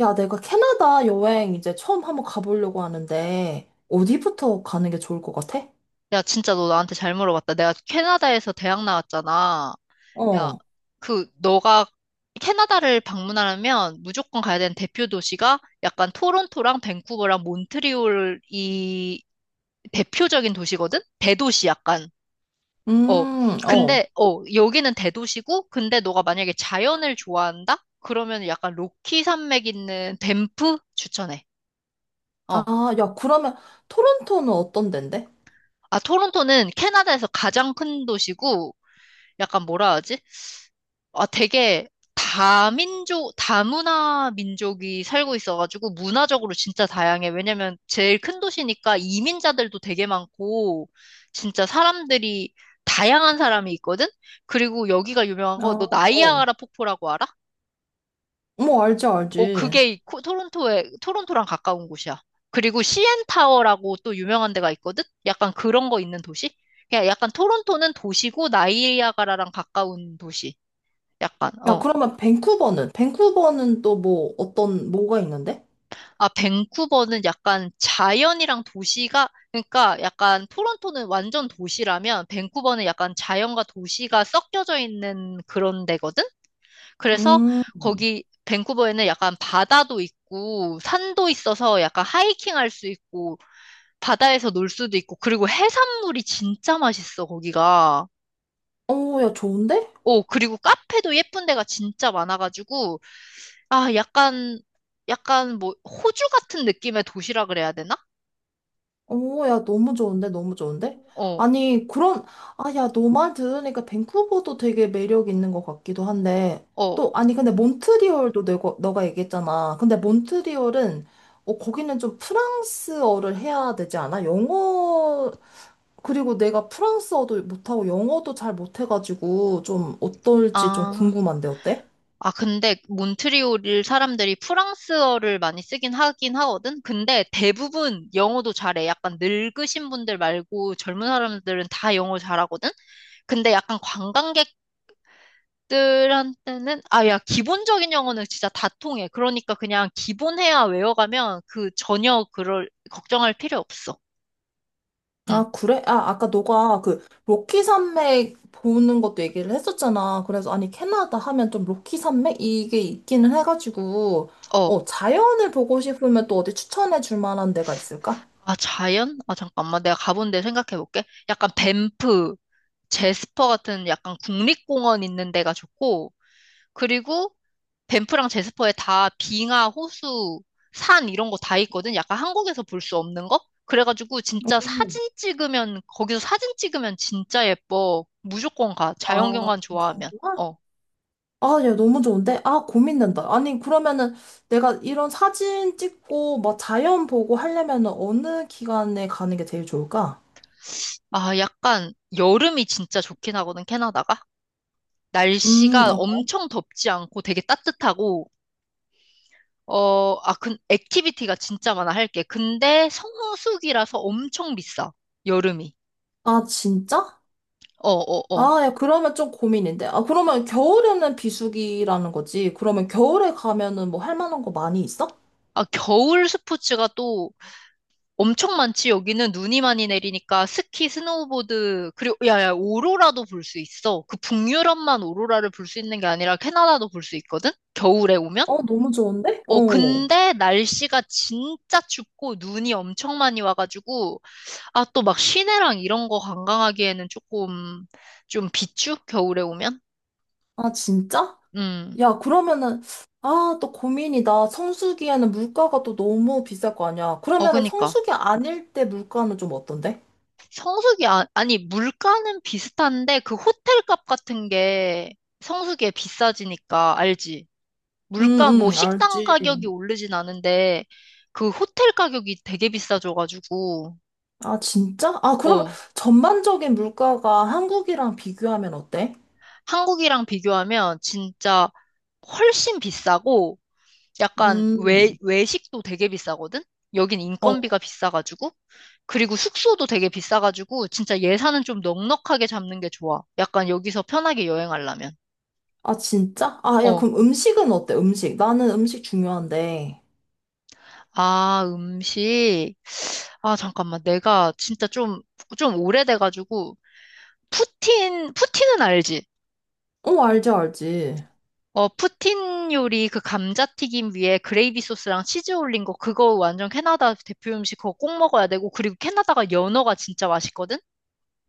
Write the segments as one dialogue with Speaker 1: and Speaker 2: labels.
Speaker 1: 야, 내가 캐나다 여행 이제 처음 한번 가보려고 하는데, 어디부터 가는 게 좋을 것 같아?
Speaker 2: 야, 진짜 너 나한테 잘 물어봤다. 내가 캐나다에서 대학 나왔잖아. 야,
Speaker 1: 어,
Speaker 2: 너가 캐나다를 방문하려면 무조건 가야 되는 대표 도시가 약간 토론토랑 밴쿠버랑 몬트리올이 대표적인 도시거든? 대도시 약간. 어,
Speaker 1: 어.
Speaker 2: 근데, 어, 여기는 대도시고, 근데 너가 만약에 자연을 좋아한다? 그러면 약간 로키 산맥 있는 밴프 추천해.
Speaker 1: 아,
Speaker 2: 어.
Speaker 1: 야, 그러면 토론토는 어떤 데인데?
Speaker 2: 아, 토론토는 캐나다에서 가장 큰 도시고, 약간 뭐라 하지? 아, 되게 다민족, 다문화 민족이 살고 있어가지고 문화적으로 진짜 다양해. 왜냐면 제일 큰 도시니까 이민자들도 되게 많고 진짜 사람들이 다양한 사람이 있거든? 그리고 여기가 유명한 거 너
Speaker 1: 아, 어.
Speaker 2: 나이아가라 폭포라고 알아?
Speaker 1: 뭐, 알지,
Speaker 2: 어,
Speaker 1: 알지.
Speaker 2: 그게 토론토랑 가까운 곳이야. 그리고 시엔타워라고 또 유명한 데가 있거든? 약간 그런 거 있는 도시? 그냥 약간 토론토는 도시고 나이아가라랑 가까운 도시. 약간,
Speaker 1: 야,
Speaker 2: 어.
Speaker 1: 그러면 밴쿠버는? 밴쿠버는 또 뭐, 어떤, 뭐가 있는데?
Speaker 2: 아, 밴쿠버는 약간 자연이랑 도시가, 그러니까 약간 토론토는 완전 도시라면 밴쿠버는 약간 자연과 도시가 섞여져 있는 그런 데거든? 그래서
Speaker 1: 음,
Speaker 2: 거기 밴쿠버에는 약간 바다도 있고 산도 있어서 약간 하이킹 할 수 있고 바다에서 놀 수도 있고 그리고 해산물이 진짜 맛있어, 거기가.
Speaker 1: 어, 야, 좋은데?
Speaker 2: 오, 그리고 카페도 예쁜 데가 진짜 많아가지고, 아, 약간 뭐 호주 같은 느낌의 도시라 그래야 되나?
Speaker 1: 오, 야, 너무 좋은데? 너무 좋은데?
Speaker 2: 어.
Speaker 1: 아니, 그런, 아, 야, 너 말 들으니까 밴쿠버도 되게 매력 있는 것 같기도 한데,
Speaker 2: 어,
Speaker 1: 또, 아니, 근데 몬트리올도 너가 얘기했잖아. 근데 몬트리올은, 어, 거기는 좀 프랑스어를 해야 되지 않아? 영어, 그리고 내가 프랑스어도 못하고 영어도 잘 못해가지고, 좀 어떨지 좀
Speaker 2: 아,
Speaker 1: 궁금한데, 어때?
Speaker 2: 아, 근데 몬트리올 사람들이 프랑스어를 많이 쓰긴 하긴 하거든? 근데 대부분 영어도 잘해. 약간 늙으신 분들 말고 젊은 사람들은 다 영어 잘하거든? 근데 약간 관광객들한테는, 아, 야, 기본적인 영어는 진짜 다 통해. 그러니까 그냥 기본해야 외워가면 그 전혀 그럴, 걱정할 필요 없어. 응,
Speaker 1: 아, 그래? 아, 아까 너가 그 로키 산맥 보는 것도 얘기를 했었잖아. 그래서 아니, 캐나다 하면 좀 로키 산맥? 이게 있기는 해가지고,
Speaker 2: 어.
Speaker 1: 어, 자연을 보고 싶으면 또 어디 추천해 줄 만한 데가 있을까?
Speaker 2: 아, 자연? 아, 잠깐만. 내가 가본 데 생각해 볼게. 약간 밴프, 제스퍼 같은 약간 국립공원 있는 데가 좋고, 그리고 밴프랑 제스퍼에 다 빙하, 호수, 산 이런 거 다 있거든. 약간 한국에서 볼 수 없는 거? 그래가지고 진짜
Speaker 1: 음.
Speaker 2: 거기서 사진 찍으면 진짜 예뻐. 무조건 가.
Speaker 1: 아,
Speaker 2: 자연경관 좋아하면.
Speaker 1: 정말?
Speaker 2: 어.
Speaker 1: 아, 야, 너무 좋은데? 아, 고민된다. 아니, 그러면은 내가 이런 사진 찍고 막 자연 보고 하려면은 어느 기간에 가는 게 제일 좋을까?
Speaker 2: 아, 약간 여름이 진짜 좋긴 하거든, 캐나다가. 날씨가
Speaker 1: 아,
Speaker 2: 엄청 덥지 않고 되게 따뜻하고, 어, 아, 근 액티비티가 진짜 많아, 할 게. 근데 성수기라서 엄청 비싸, 여름이.
Speaker 1: 아, 진짜?
Speaker 2: 어, 어, 어.
Speaker 1: 아, 야, 그러면 좀 고민인데. 아, 그러면 겨울에는 비수기라는 거지. 그러면 겨울에 가면은 뭐 할 만한 거 많이 있어?
Speaker 2: 아, 겨울 스포츠가 또 엄청 많지. 여기는 눈이 많이 내리니까 스키, 스노우보드, 그리고, 야, 야, 오로라도 볼 수 있어. 그 북유럽만 오로라를 볼 수 있는 게 아니라 캐나다도 볼 수 있거든? 겨울에 오면?
Speaker 1: 어, 너무 좋은데?
Speaker 2: 어,
Speaker 1: 어.
Speaker 2: 근데 날씨가 진짜 춥고 눈이 엄청 많이 와가지고, 아, 또 막 시내랑 이런 거 관광하기에는 조금 좀 비추? 겨울에 오면?
Speaker 1: 아, 진짜?
Speaker 2: 음.
Speaker 1: 야, 그러면은, 아, 또 고민이다. 성수기에는 물가가 또 너무 비쌀 거 아니야.
Speaker 2: 어,
Speaker 1: 그러면은
Speaker 2: 그니까.
Speaker 1: 성수기 아닐 때 물가는 좀 어떤데?
Speaker 2: 아, 아니, 물가는 비슷한데, 그 호텔 값 같은 게 성수기에 비싸지니까, 알지?
Speaker 1: 응,
Speaker 2: 물가, 뭐,
Speaker 1: 응,
Speaker 2: 식당
Speaker 1: 알지.
Speaker 2: 가격이 오르진 않은데, 그 호텔 가격이 되게 비싸져가지고,
Speaker 1: 아, 진짜? 아, 그러면
Speaker 2: 어,
Speaker 1: 전반적인 물가가 한국이랑 비교하면 어때?
Speaker 2: 한국이랑 비교하면 진짜 훨씬 비싸고, 약간 외,
Speaker 1: 음.
Speaker 2: 외식도 되게 비싸거든? 여긴
Speaker 1: 어.
Speaker 2: 인건비가 비싸가지고, 그리고 숙소도 되게 비싸가지고 진짜 예산은 좀 넉넉하게 잡는 게 좋아. 약간 여기서 편하게 여행하려면.
Speaker 1: 아, 진짜? 아, 야,
Speaker 2: 어.
Speaker 1: 그럼 음식은 어때? 음식. 나는 음식 중요한데.
Speaker 2: 아, 음식. 아, 잠깐만. 내가 진짜 좀 오래돼가지고, 푸틴은 알지?
Speaker 1: 어, 알지, 알지.
Speaker 2: 어, 푸틴 요리 그 감자튀김 위에 그레이비 소스랑 치즈 올린 거, 그거 완전 캐나다 대표 음식 그거 꼭 먹어야 되고, 그리고 캐나다가 연어가 진짜 맛있거든?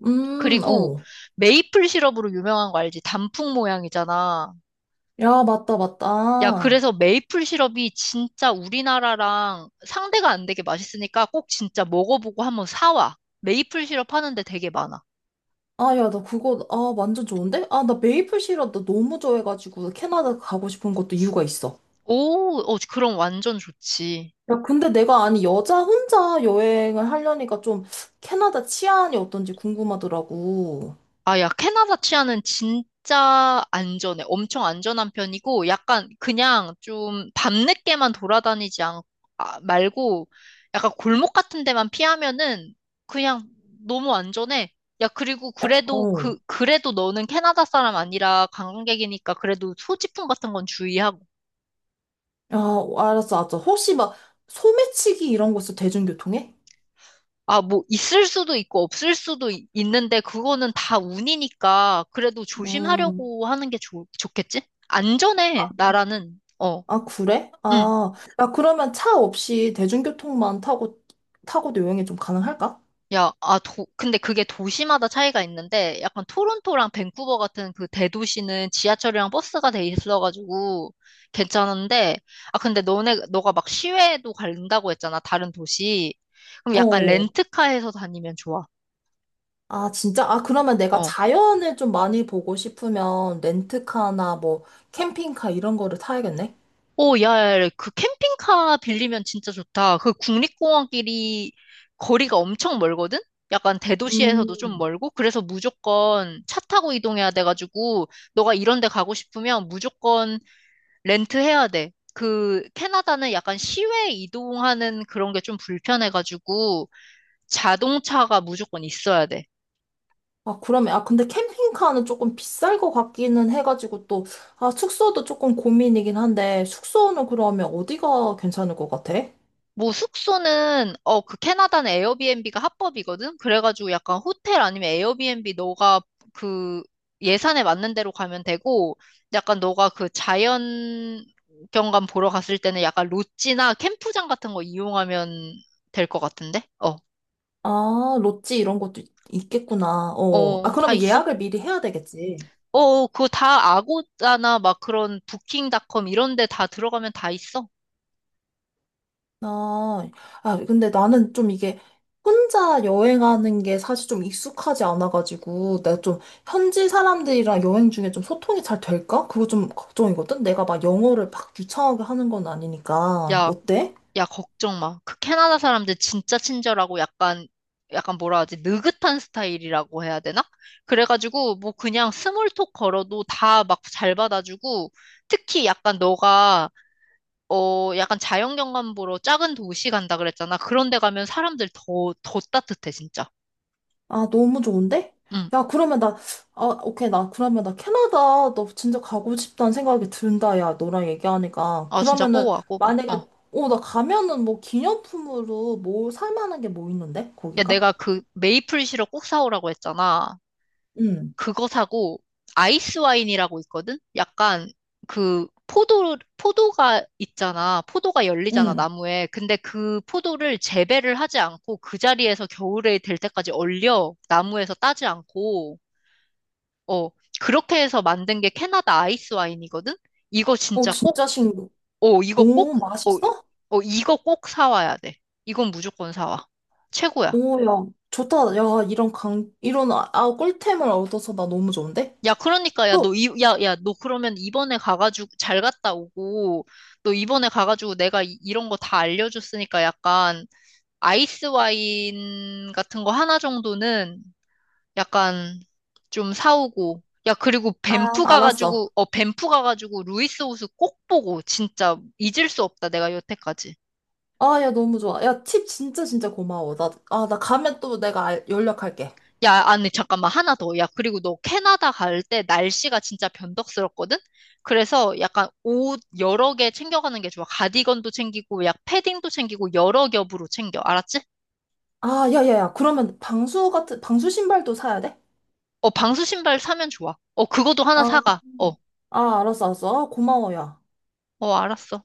Speaker 2: 그리고
Speaker 1: 어.
Speaker 2: 메이플 시럽으로 유명한 거 알지? 단풍 모양이잖아.
Speaker 1: 야, 맞다,
Speaker 2: 야,
Speaker 1: 맞다.
Speaker 2: 그래서 메이플 시럽이 진짜 우리나라랑 상대가 안 되게 맛있으니까 꼭 진짜 먹어보고 한번 사와. 메이플 시럽 하는데 되게 많아.
Speaker 1: 아, 야, 나 그거, 아, 완전 좋은데? 아, 나 메이플 시럽 나 너무 좋아해가지고 캐나다 가고 싶은 것도 이유가 있어.
Speaker 2: 오, 어, 그럼 완전 좋지.
Speaker 1: 야, 근데 내가, 아니, 여자 혼자 여행을 하려니까 좀 캐나다 치안이 어떤지 궁금하더라고.
Speaker 2: 아, 야, 캐나다 치아는 진짜 안전해. 엄청 안전한 편이고, 약간 그냥 좀 밤늦게만 돌아다니지 말고, 약간 골목 같은 데만 피하면은 그냥 너무 안전해. 야, 그리고 그래도
Speaker 1: 어.
Speaker 2: 그, 그래도 너는 캐나다 사람 아니라 관광객이니까 그래도 소지품 같은 건 주의하고.
Speaker 1: 야, 알았어, 알았어. 혹시 막 소매치기 이런 거 있어? 대중교통에?
Speaker 2: 아, 뭐, 있을 수도 있고 없을 수도 있는데 그거는 다 운이니까 그래도
Speaker 1: 음.
Speaker 2: 조심하려고 하는 게 좋겠지? 안전해, 나라는. 어.
Speaker 1: 아, 그래?
Speaker 2: 응.
Speaker 1: 아, 야, 그러면 차 없이 대중교통만 타고, 타고도 여행이 좀 가능할까?
Speaker 2: 야, 근데 그게 도시마다 차이가 있는데, 약간 토론토랑 밴쿠버 같은 그 대도시는 지하철이랑 버스가 돼 있어가지고 괜찮은데, 아, 근데 너가 막 시외도 간다고 했잖아, 다른 도시. 그럼 약간
Speaker 1: 어.
Speaker 2: 렌트카에서 다니면 좋아.
Speaker 1: 아, 진짜? 아, 그러면 내가
Speaker 2: 어.
Speaker 1: 자연을 좀 많이 보고 싶으면 렌트카나 뭐 캠핑카 이런 거를 타야겠네?
Speaker 2: 오, 야, 야, 그 캠핑카 빌리면 진짜 좋다. 그 국립공원끼리 거리가 엄청 멀거든? 약간 대도시에서도 좀
Speaker 1: 음.
Speaker 2: 멀고, 그래서 무조건 차 타고 이동해야 돼가지고, 너가 이런 데 가고 싶으면 무조건 렌트해야 돼. 캐나다는 약간 시외 이동하는 그런 게 좀 불편해가지고, 자동차가 무조건 있어야 돼.
Speaker 1: 아, 그러면, 아, 근데 캠핑카는 조금 비쌀 것 같기는 해가지고 또, 아, 숙소도 조금 고민이긴 한데, 숙소는 그러면 어디가 괜찮을 것 같아?
Speaker 2: 뭐 숙소는 캐나다는 에어비앤비가 합법이거든. 그래가지고 약간 호텔 아니면 에어비앤비 너가 그 예산에 맞는 대로 가면 되고 약간 너가 그 자연 경관 보러 갔을 때는 약간 롯지나 캠프장 같은 거 이용하면 될 것 같은데? 어.
Speaker 1: 아, 롯지 이런 것도 있겠구나. 어. 아,
Speaker 2: 어, 다
Speaker 1: 그러면
Speaker 2: 있어.
Speaker 1: 예약을 미리 해야 되겠지.
Speaker 2: 어, 어, 그거 다 아고다나 막 그런 부킹닷컴 이런 데 다 들어가면 다 있어.
Speaker 1: 아, 아, 근데 나는 좀 이게 혼자 여행하는 게 사실 좀 익숙하지 않아가지고, 내가 좀 현지 사람들이랑 여행 중에 좀 소통이 잘 될까? 그거 좀 걱정이거든? 내가 막 영어를 막 유창하게 하는 건 아니니까.
Speaker 2: 야,
Speaker 1: 어때?
Speaker 2: 야, 걱정 마. 그 캐나다 사람들 진짜 친절하고 약간 뭐라 하지? 느긋한 스타일이라고 해야 되나? 그래가지고, 뭐 그냥 스몰톡 걸어도 다 막 잘 받아주고, 특히 약간 너가, 어, 약간 자연경관 보러 작은 도시 간다 그랬잖아. 그런 데 가면 사람들 더, 더 따뜻해, 진짜.
Speaker 1: 아, 너무 좋은데?
Speaker 2: 응.
Speaker 1: 야, 그러면 나, 아, 오케이. 나, 그러면 나 캐나다 너 진짜 가고 싶다는 생각이 든다. 야, 너랑 얘기하니까.
Speaker 2: 아, 진짜 꼭
Speaker 1: 그러면은,
Speaker 2: 와, 꼭 와. 어.
Speaker 1: 만약에, 어, 나 가면은 뭐 기념품으로 뭐 살 만한 게 뭐 있는데?
Speaker 2: 야,
Speaker 1: 거기가?
Speaker 2: 내가 그 메이플 시럽 꼭 사오라고 했잖아.
Speaker 1: 응.
Speaker 2: 그거 사고 아이스 와인이라고 있거든? 약간 그 포도가 있잖아. 포도가 열리잖아,
Speaker 1: 응.
Speaker 2: 나무에. 근데 그 포도를 재배를 하지 않고 그 자리에서 겨울에 될 때까지 얼려. 나무에서 따지 않고 어, 그렇게 해서 만든 게 캐나다 아이스 와인이거든? 이거
Speaker 1: 어,
Speaker 2: 진짜 꼭
Speaker 1: 진짜 신기해.
Speaker 2: 어, 이거
Speaker 1: 오,
Speaker 2: 꼭 어,
Speaker 1: 맛있어?
Speaker 2: 어, 이거 꼭 사와야 돼. 이건 무조건 사와. 최고야.
Speaker 1: 오, 야, 좋다. 야, 이런 강, 이런, 아, 아, 꿀템을 얻어서 나 너무 좋은데?
Speaker 2: 야, 그러니까, 야,
Speaker 1: 또,
Speaker 2: 너, 야, 야, 너 그러면 이번에 가가지고 잘 갔다 오고, 너 이번에 가가지고 내가 이, 런 거 다 알려줬으니까 약간 아이스 와인 같은 거 하나 정도는 약간 좀 사오고, 야, 그리고
Speaker 1: 아, 알았어.
Speaker 2: 밴프 가가지고 루이스 호수 꼭 보고, 진짜 잊을 수 없다, 내가 여태까지.
Speaker 1: 아, 야, 너무 좋아. 야, 팁 진짜 진짜 고마워. 나, 아, 나 가면 또 내가 연락할게.
Speaker 2: 야, 아니, 잠깐만, 하나 더. 야, 그리고 너 캐나다 갈 때 날씨가 진짜 변덕스럽거든? 그래서 약간 옷 여러 개 챙겨가는 게 좋아. 가디건도 챙기고, 약 패딩도 챙기고, 여러 겹으로 챙겨. 알았지?
Speaker 1: 아, 야, 야, 야. 그러면 방수 같은, 방수 신발도 사야 돼?
Speaker 2: 어, 방수 신발 사면 좋아. 어, 그것도 하나
Speaker 1: 아,
Speaker 2: 사가. 어,
Speaker 1: 아, 알았어, 알았어. 아, 고마워, 야.
Speaker 2: 어, 알았어.